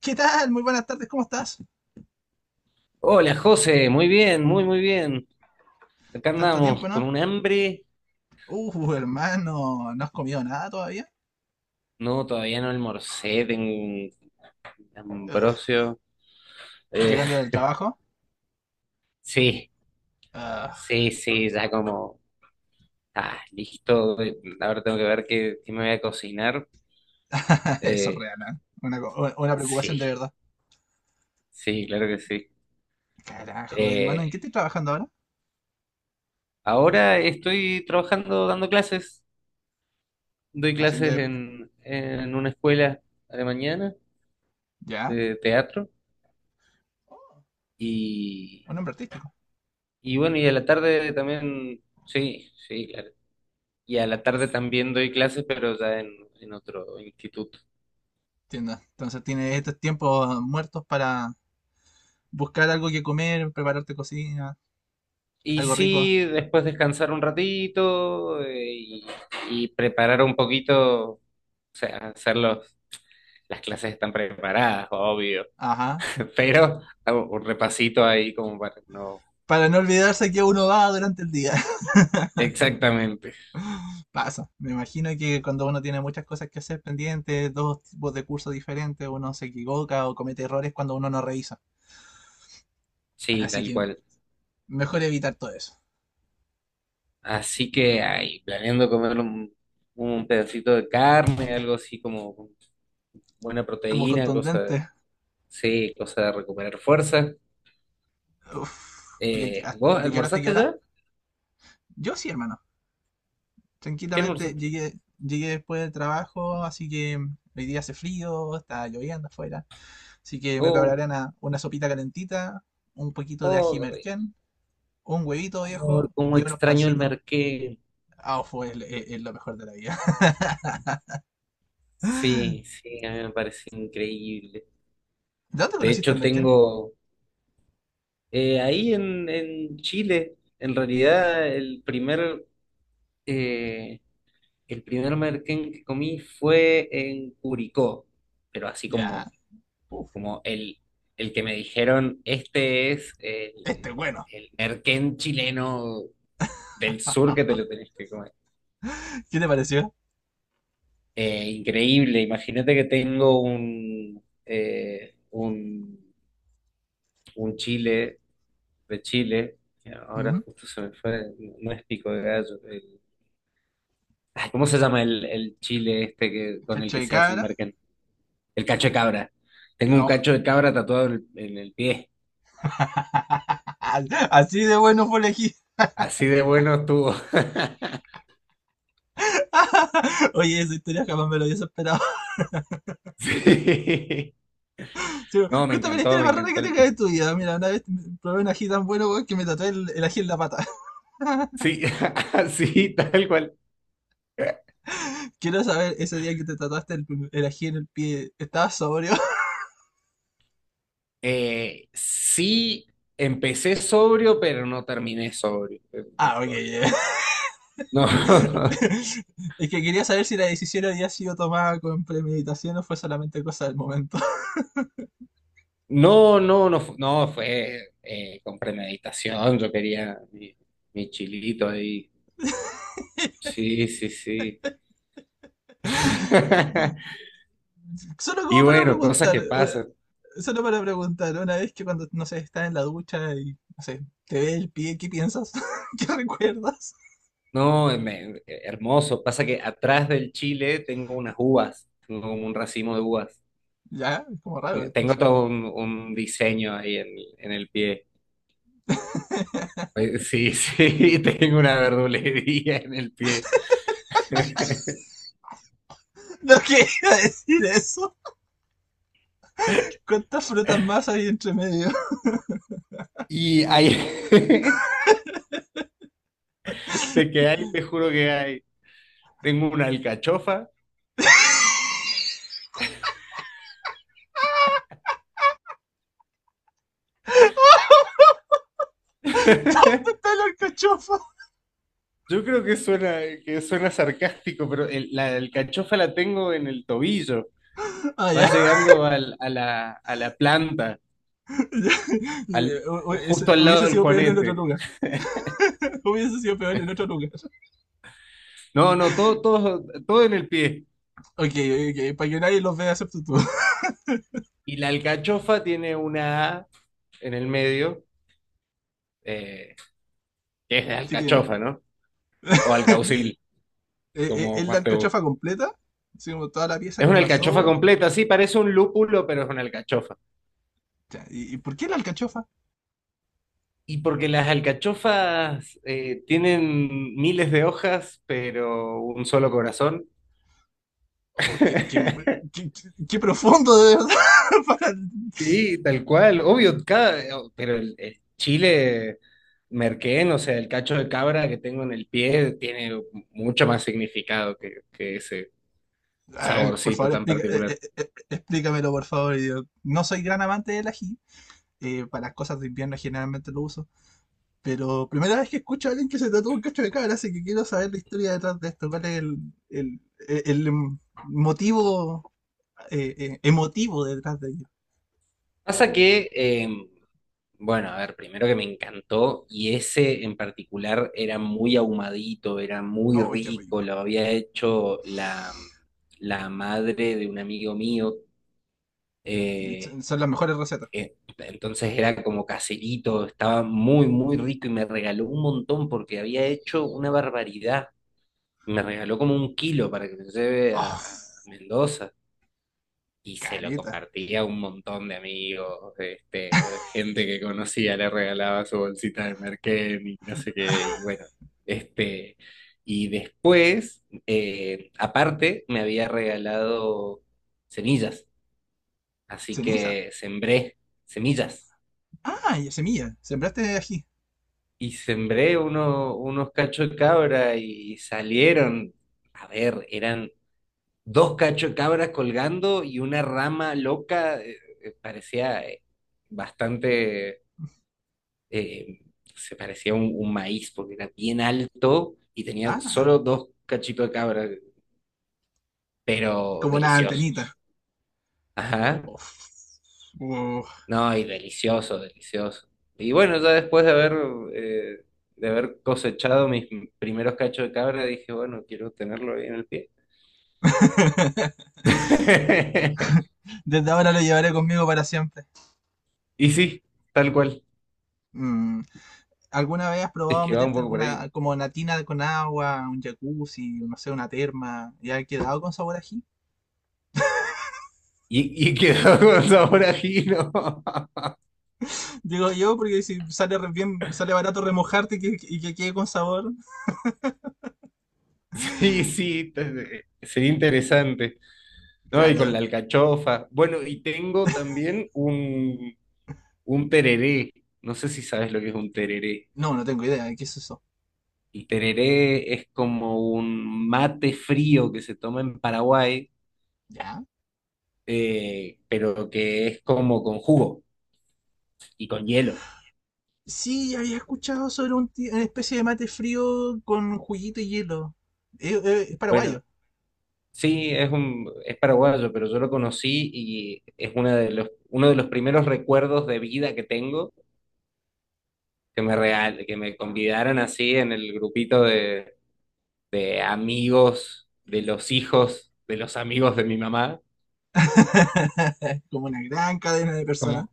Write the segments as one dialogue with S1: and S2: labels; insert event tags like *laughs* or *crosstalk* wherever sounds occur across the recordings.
S1: ¿Qué tal? Muy buenas tardes, ¿cómo estás?
S2: Hola José, muy bien, muy muy bien. Acá
S1: Tanto
S2: andamos
S1: tiempo,
S2: con
S1: ¿no?
S2: un hambre.
S1: Hermano, ¿no has comido nada todavía?
S2: No, todavía no almorcé, tengo un
S1: Ugh,
S2: ambrosio. Eh,
S1: llegando del trabajo.
S2: *laughs* sí,
S1: Ugh,
S2: sí, sí, ya como, ah, listo. Ahora tengo que ver qué me voy a cocinar.
S1: *laughs* eso es
S2: Eh,
S1: real, ¿eh? Una preocupación de
S2: sí,
S1: verdad.
S2: sí, claro que sí.
S1: Carajo, hermano, ¿en
S2: Eh,
S1: qué estoy trabajando ahora?
S2: ahora estoy trabajando dando clases. Doy
S1: Haciendo
S2: clases
S1: de...
S2: en una escuela a la mañana
S1: ¿Ya?
S2: de teatro
S1: Oh,
S2: y...
S1: un hombre artístico.
S2: Y bueno, y a la tarde también, sí, sí, claro. Y a la tarde también doy clases, pero ya en otro instituto.
S1: Entiendo. Entonces tienes estos tiempos muertos para buscar algo que comer, prepararte cocina,
S2: Y
S1: algo rico.
S2: sí, después descansar un ratito y preparar un poquito, o sea, hacer las clases están preparadas, obvio,
S1: Ajá.
S2: *laughs* pero hago un repasito ahí como para no...
S1: Para no olvidarse que uno va durante el día.
S2: Exactamente,
S1: Pasa, me imagino que cuando uno tiene muchas cosas que hacer pendientes, dos tipos de cursos diferentes, uno se equivoca o comete errores cuando uno no revisa.
S2: sí,
S1: Así
S2: tal
S1: que
S2: cual.
S1: mejor evitar todo eso.
S2: Así que ahí, planeando comer un pedacito de carne, algo así como buena
S1: Como
S2: proteína, cosa.
S1: contundente.
S2: Sí, cosa de recuperar fuerza.
S1: Uf. ¿Y aquí- hasta-
S2: ¿Vos
S1: de qué hora hasta qué
S2: almorzaste
S1: hora?
S2: ya?
S1: Yo sí, hermano.
S2: ¿Qué
S1: Tranquilamente
S2: almorzaste?
S1: llegué, llegué después del trabajo, así que hoy día hace frío, está lloviendo afuera. Así que me prepararé
S2: Oh,
S1: una sopita calentita, un poquito de
S2: oh,
S1: ají
S2: qué rico.
S1: merquén, un huevito
S2: Oh,
S1: viejo
S2: cómo
S1: y unos
S2: extraño el
S1: pancitos.
S2: merquén.
S1: Ah, fue el lo mejor de la vida.
S2: Sí,
S1: *laughs*
S2: sí, a mí me parece increíble.
S1: ¿De dónde
S2: De
S1: conociste al
S2: hecho,
S1: Merkel?
S2: tengo ahí en Chile, en realidad, eh, el primer merquén que comí fue en Curicó, pero así
S1: Ya.
S2: como,
S1: Uf,
S2: como el que me dijeron, este es
S1: este es bueno.
S2: el merquén chileno del sur que te lo tenés que comer.
S1: ¿Qué te pareció?
S2: Increíble, imagínate que tengo un chile de Chile, que ahora
S1: Ujú.
S2: justo se me fue, no es pico de gallo, ay, ¿cómo se llama el chile este que, con el
S1: Cacho
S2: que
S1: de
S2: se hace el
S1: cabra.
S2: merquén? El cacho de cabra. Tengo un
S1: Oh.
S2: cacho de cabra tatuado en en el pie,
S1: *laughs* Así de bueno fue elegir.
S2: así de bueno estuvo. *laughs*
S1: *laughs* Oye, esa historia jamás me lo hubiese esperado. *laughs*
S2: Sí.
S1: Sí,
S2: No, me
S1: cuéntame la
S2: encantó,
S1: historia
S2: me
S1: más rara que
S2: encantó.
S1: tengas de tu vida. Mira, una vez probé un ají tan bueno weón, que me tatué el ají en la pata. *laughs*
S2: Sí, *laughs* así, tal cual.
S1: Quiero saber, ese día que te tatuaste el ají en el pie, ¿estabas sobrio? *laughs*
S2: Sí, empecé sobrio, pero no terminé sobrio el
S1: Ah, ok,
S2: tatuaje.
S1: ya.
S2: No, *laughs*
S1: *laughs* Es que quería saber si la decisión había sido tomada con premeditación o fue solamente cosa del momento.
S2: no, no, no, no fue con premeditación. Yo quería mi chilito ahí.
S1: *laughs*
S2: Sí, sí, sí. *laughs*
S1: *laughs* Solo
S2: Y
S1: como para
S2: bueno, cosas
S1: preguntar,
S2: que
S1: una-
S2: pasan.
S1: Solo para preguntar, una vez que cuando, no sé, estás en la ducha y, no sé, te ve el pie, ¿qué piensas? *laughs* ¿Qué recuerdas?
S2: No, hermoso. Pasa que atrás del chile tengo unas uvas, tengo como un racimo de uvas.
S1: Ya, es como raro. No.
S2: Tengo todo un diseño ahí en el pie.
S1: *laughs*
S2: Sí, sí, *laughs* tengo una verdulería en el pie. *laughs*
S1: No quería decir eso. ¿Cuántas frutas más hay entre medio? *laughs*
S2: Y hay, *laughs* de que hay, te juro que hay. Tengo una alcachofa.
S1: ¿Dónde está
S2: *laughs*
S1: la alcachofa?
S2: Yo creo que suena sarcástico, pero la alcachofa la tengo en el tobillo.
S1: Ah, ya.
S2: Vas
S1: *laughs*
S2: llegando a a la planta, al,
S1: Ya. Eso
S2: justo al lado
S1: hubiese
S2: del
S1: sido peor en otro
S2: juanete.
S1: lugar. *laughs* Hubiese sido peor en otro lugar.
S2: No, no, todo, todo, todo en el pie.
S1: Ok, ok, para que nadie los vea excepto tú.
S2: Y la alcachofa tiene una A en el medio, eh, que es de
S1: *laughs* ¿Qué tiene?
S2: alcachofa, ¿no? O
S1: *laughs*
S2: alcaucil. Como
S1: ¿Es la
S2: más te gusta.
S1: alcachofa completa? Así como toda la pieza
S2: Es
S1: con
S2: una
S1: la
S2: alcachofa
S1: sopa.
S2: completa, sí, parece un lúpulo, pero es una alcachofa.
S1: Ya, ¿y por qué la alcachofa?
S2: Y porque las alcachofas tienen miles de hojas, pero un solo corazón.
S1: Oh, qué, qué-
S2: *laughs*
S1: qué- qué profundo, de verdad. *laughs* Para...
S2: Sí, tal cual, obvio, cada, pero el chile merquén, o sea, el cacho de cabra que tengo en el pie, tiene mucho más significado que ese
S1: A ver, por
S2: saborcito
S1: favor,
S2: tan particular.
S1: explícamelo, por favor. Yo no soy gran amante del ají. Eh, para las cosas de invierno generalmente lo uso. Pero primera vez que escucho a alguien que se trató un cacho de cabra, así que quiero saber la historia detrás de esto. ¿Cuál es el- el motivo emotivo detrás de ello?
S2: Pasa que Bueno, a ver, primero que me encantó y ese en particular era muy ahumadito, era muy
S1: ¡Ay, qué
S2: rico,
S1: rico!
S2: lo había hecho la madre de un amigo mío, eh,
S1: Son las mejores recetas.
S2: entonces era como caserito, estaba muy, muy rico y me regaló un montón porque había hecho una barbaridad, me regaló como un kilo para que me lleve
S1: Oh,
S2: a Mendoza. Y se lo
S1: caleta.
S2: compartía a un montón de amigos, este, gente que conocía le regalaba su bolsita de merquén y no sé qué, y
S1: *laughs*
S2: bueno, este, y después, aparte, me había regalado semillas, así
S1: Ceniza.
S2: que sembré semillas,
S1: Ah, y semilla. Sembraste ají.
S2: y sembré unos cachos de cabra y salieron, a ver, eran dos cacho cabras colgando y una rama loca, parecía bastante, eh, se parecía a un maíz porque era bien alto y tenía
S1: Ah,
S2: solo dos cachitos de cabra, pero
S1: como una antenita.
S2: deliciosos. Ajá,
S1: Uf. Uh.
S2: no, y delicioso, delicioso. Y bueno, ya después eh, de haber cosechado mis primeros cachos de cabra, dije, bueno, quiero tenerlo ahí en el pie.
S1: *laughs*
S2: *laughs*
S1: Desde ahora lo llevaré conmigo para siempre.
S2: Y sí, tal cual,
S1: Mm, ¿alguna vez has
S2: es
S1: probado
S2: que va un
S1: meterte
S2: poco por ahí.
S1: alguna como una tina con agua, un jacuzzi, no sé, una terma? ¿Ya ha quedado con sabor a ají?
S2: Y quedó *laughs* con sabor a ajino. *laughs*
S1: Digo yo, porque si sale re- bien, sale barato remojarte y y que quede con sabor.
S2: Sí, sí, sería interesante. No, y con
S1: Claro.
S2: la alcachofa. Bueno, y tengo también un tereré. No sé si sabes lo que es un tereré.
S1: No, no tengo idea. ¿Qué es eso?
S2: El tereré es como un mate frío que se toma en Paraguay,
S1: ¿Ya?
S2: pero que es como con jugo y con hielo.
S1: Sí, había escuchado sobre una especie de mate frío con juguito y hielo. Es
S2: Bueno,
S1: paraguayo.
S2: sí, es es paraguayo, pero yo lo conocí y es una de los, uno de los primeros recuerdos de vida que tengo que
S1: A
S2: me
S1: ver.
S2: real, que me convidaron así en el grupito de amigos de los hijos de los amigos de mi mamá.
S1: *laughs* Como una gran cadena de personas.
S2: Como,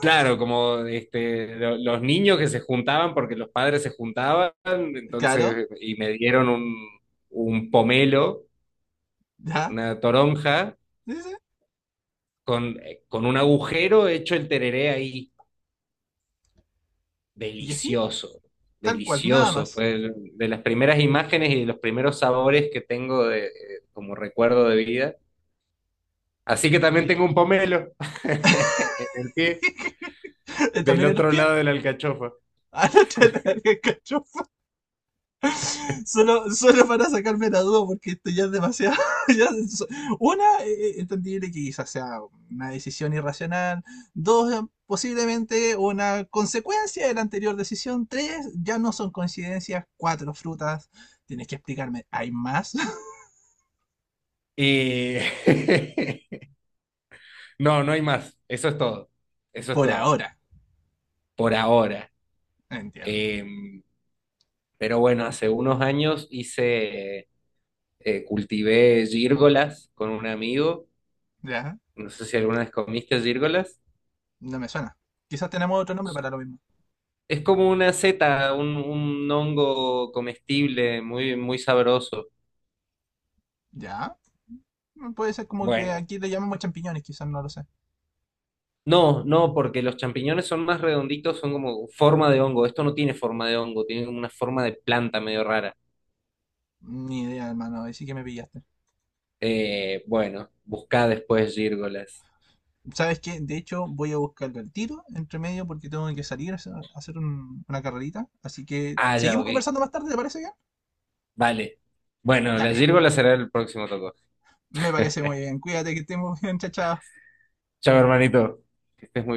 S2: claro, como este, los niños que se juntaban porque los padres se juntaban,
S1: Claro,
S2: entonces, y me dieron un pomelo,
S1: ya.
S2: una toronja,
S1: Sí, sí, sí.
S2: con un agujero hecho el tereré ahí.
S1: Y así,
S2: Delicioso,
S1: tal cual, nada
S2: delicioso.
S1: más.
S2: Fue de las primeras imágenes y de los primeros sabores que tengo de, como recuerdo de vida. Así que también
S1: Y...
S2: tengo un pomelo *laughs* en el pie
S1: *laughs*
S2: del
S1: También en los
S2: otro
S1: pies.
S2: lado de la
S1: *laughs*
S2: alcachofa.
S1: Ah, no, te la- el cacho. Solo para sacarme la duda, porque esto ya es demasiado. *laughs* ya es- so-, una, entendible que quizás sea una decisión irracional. Dos, posiblemente una consecuencia de la anterior decisión. Tres, ya no son coincidencias. Cuatro, frutas. Tienes que explicarme, ¿hay más? *laughs*
S2: Y *laughs* no, no hay más. Eso es todo. Eso es
S1: Por
S2: todo.
S1: ahora,
S2: Por ahora.
S1: entiendo.
S2: Em, pero bueno, hace unos años hice, cultivé gírgolas con un amigo.
S1: ¿Ya?
S2: No sé si alguna vez comiste gírgolas.
S1: No me suena. Quizás tenemos otro nombre para lo mismo.
S2: Es como una seta, un hongo comestible muy, muy sabroso.
S1: ¿Ya? Puede ser como que
S2: Bueno,
S1: aquí le llamamos champiñones, quizás no lo sé.
S2: no, no, porque los champiñones son más redonditos, son como forma de hongo. Esto no tiene forma de hongo, tiene como una forma de planta medio rara.
S1: Ni idea, hermano. Ahí sí que me pillaste.
S2: Bueno, buscá después gírgolas.
S1: ¿Sabes qué? De hecho, voy a buscarlo al tiro, entre medio, porque tengo que salir a hacer un- una carrerita. Así que,
S2: Ah, ya,
S1: ¿seguimos
S2: ok.
S1: conversando más tarde? ¿Te parece bien?
S2: Vale. Bueno, las
S1: Dale,
S2: gírgolas será el próximo toco.
S1: me parece muy bien. Cuídate, que estemos bien, chao, chao.
S2: Chao, hermanito. Que estés muy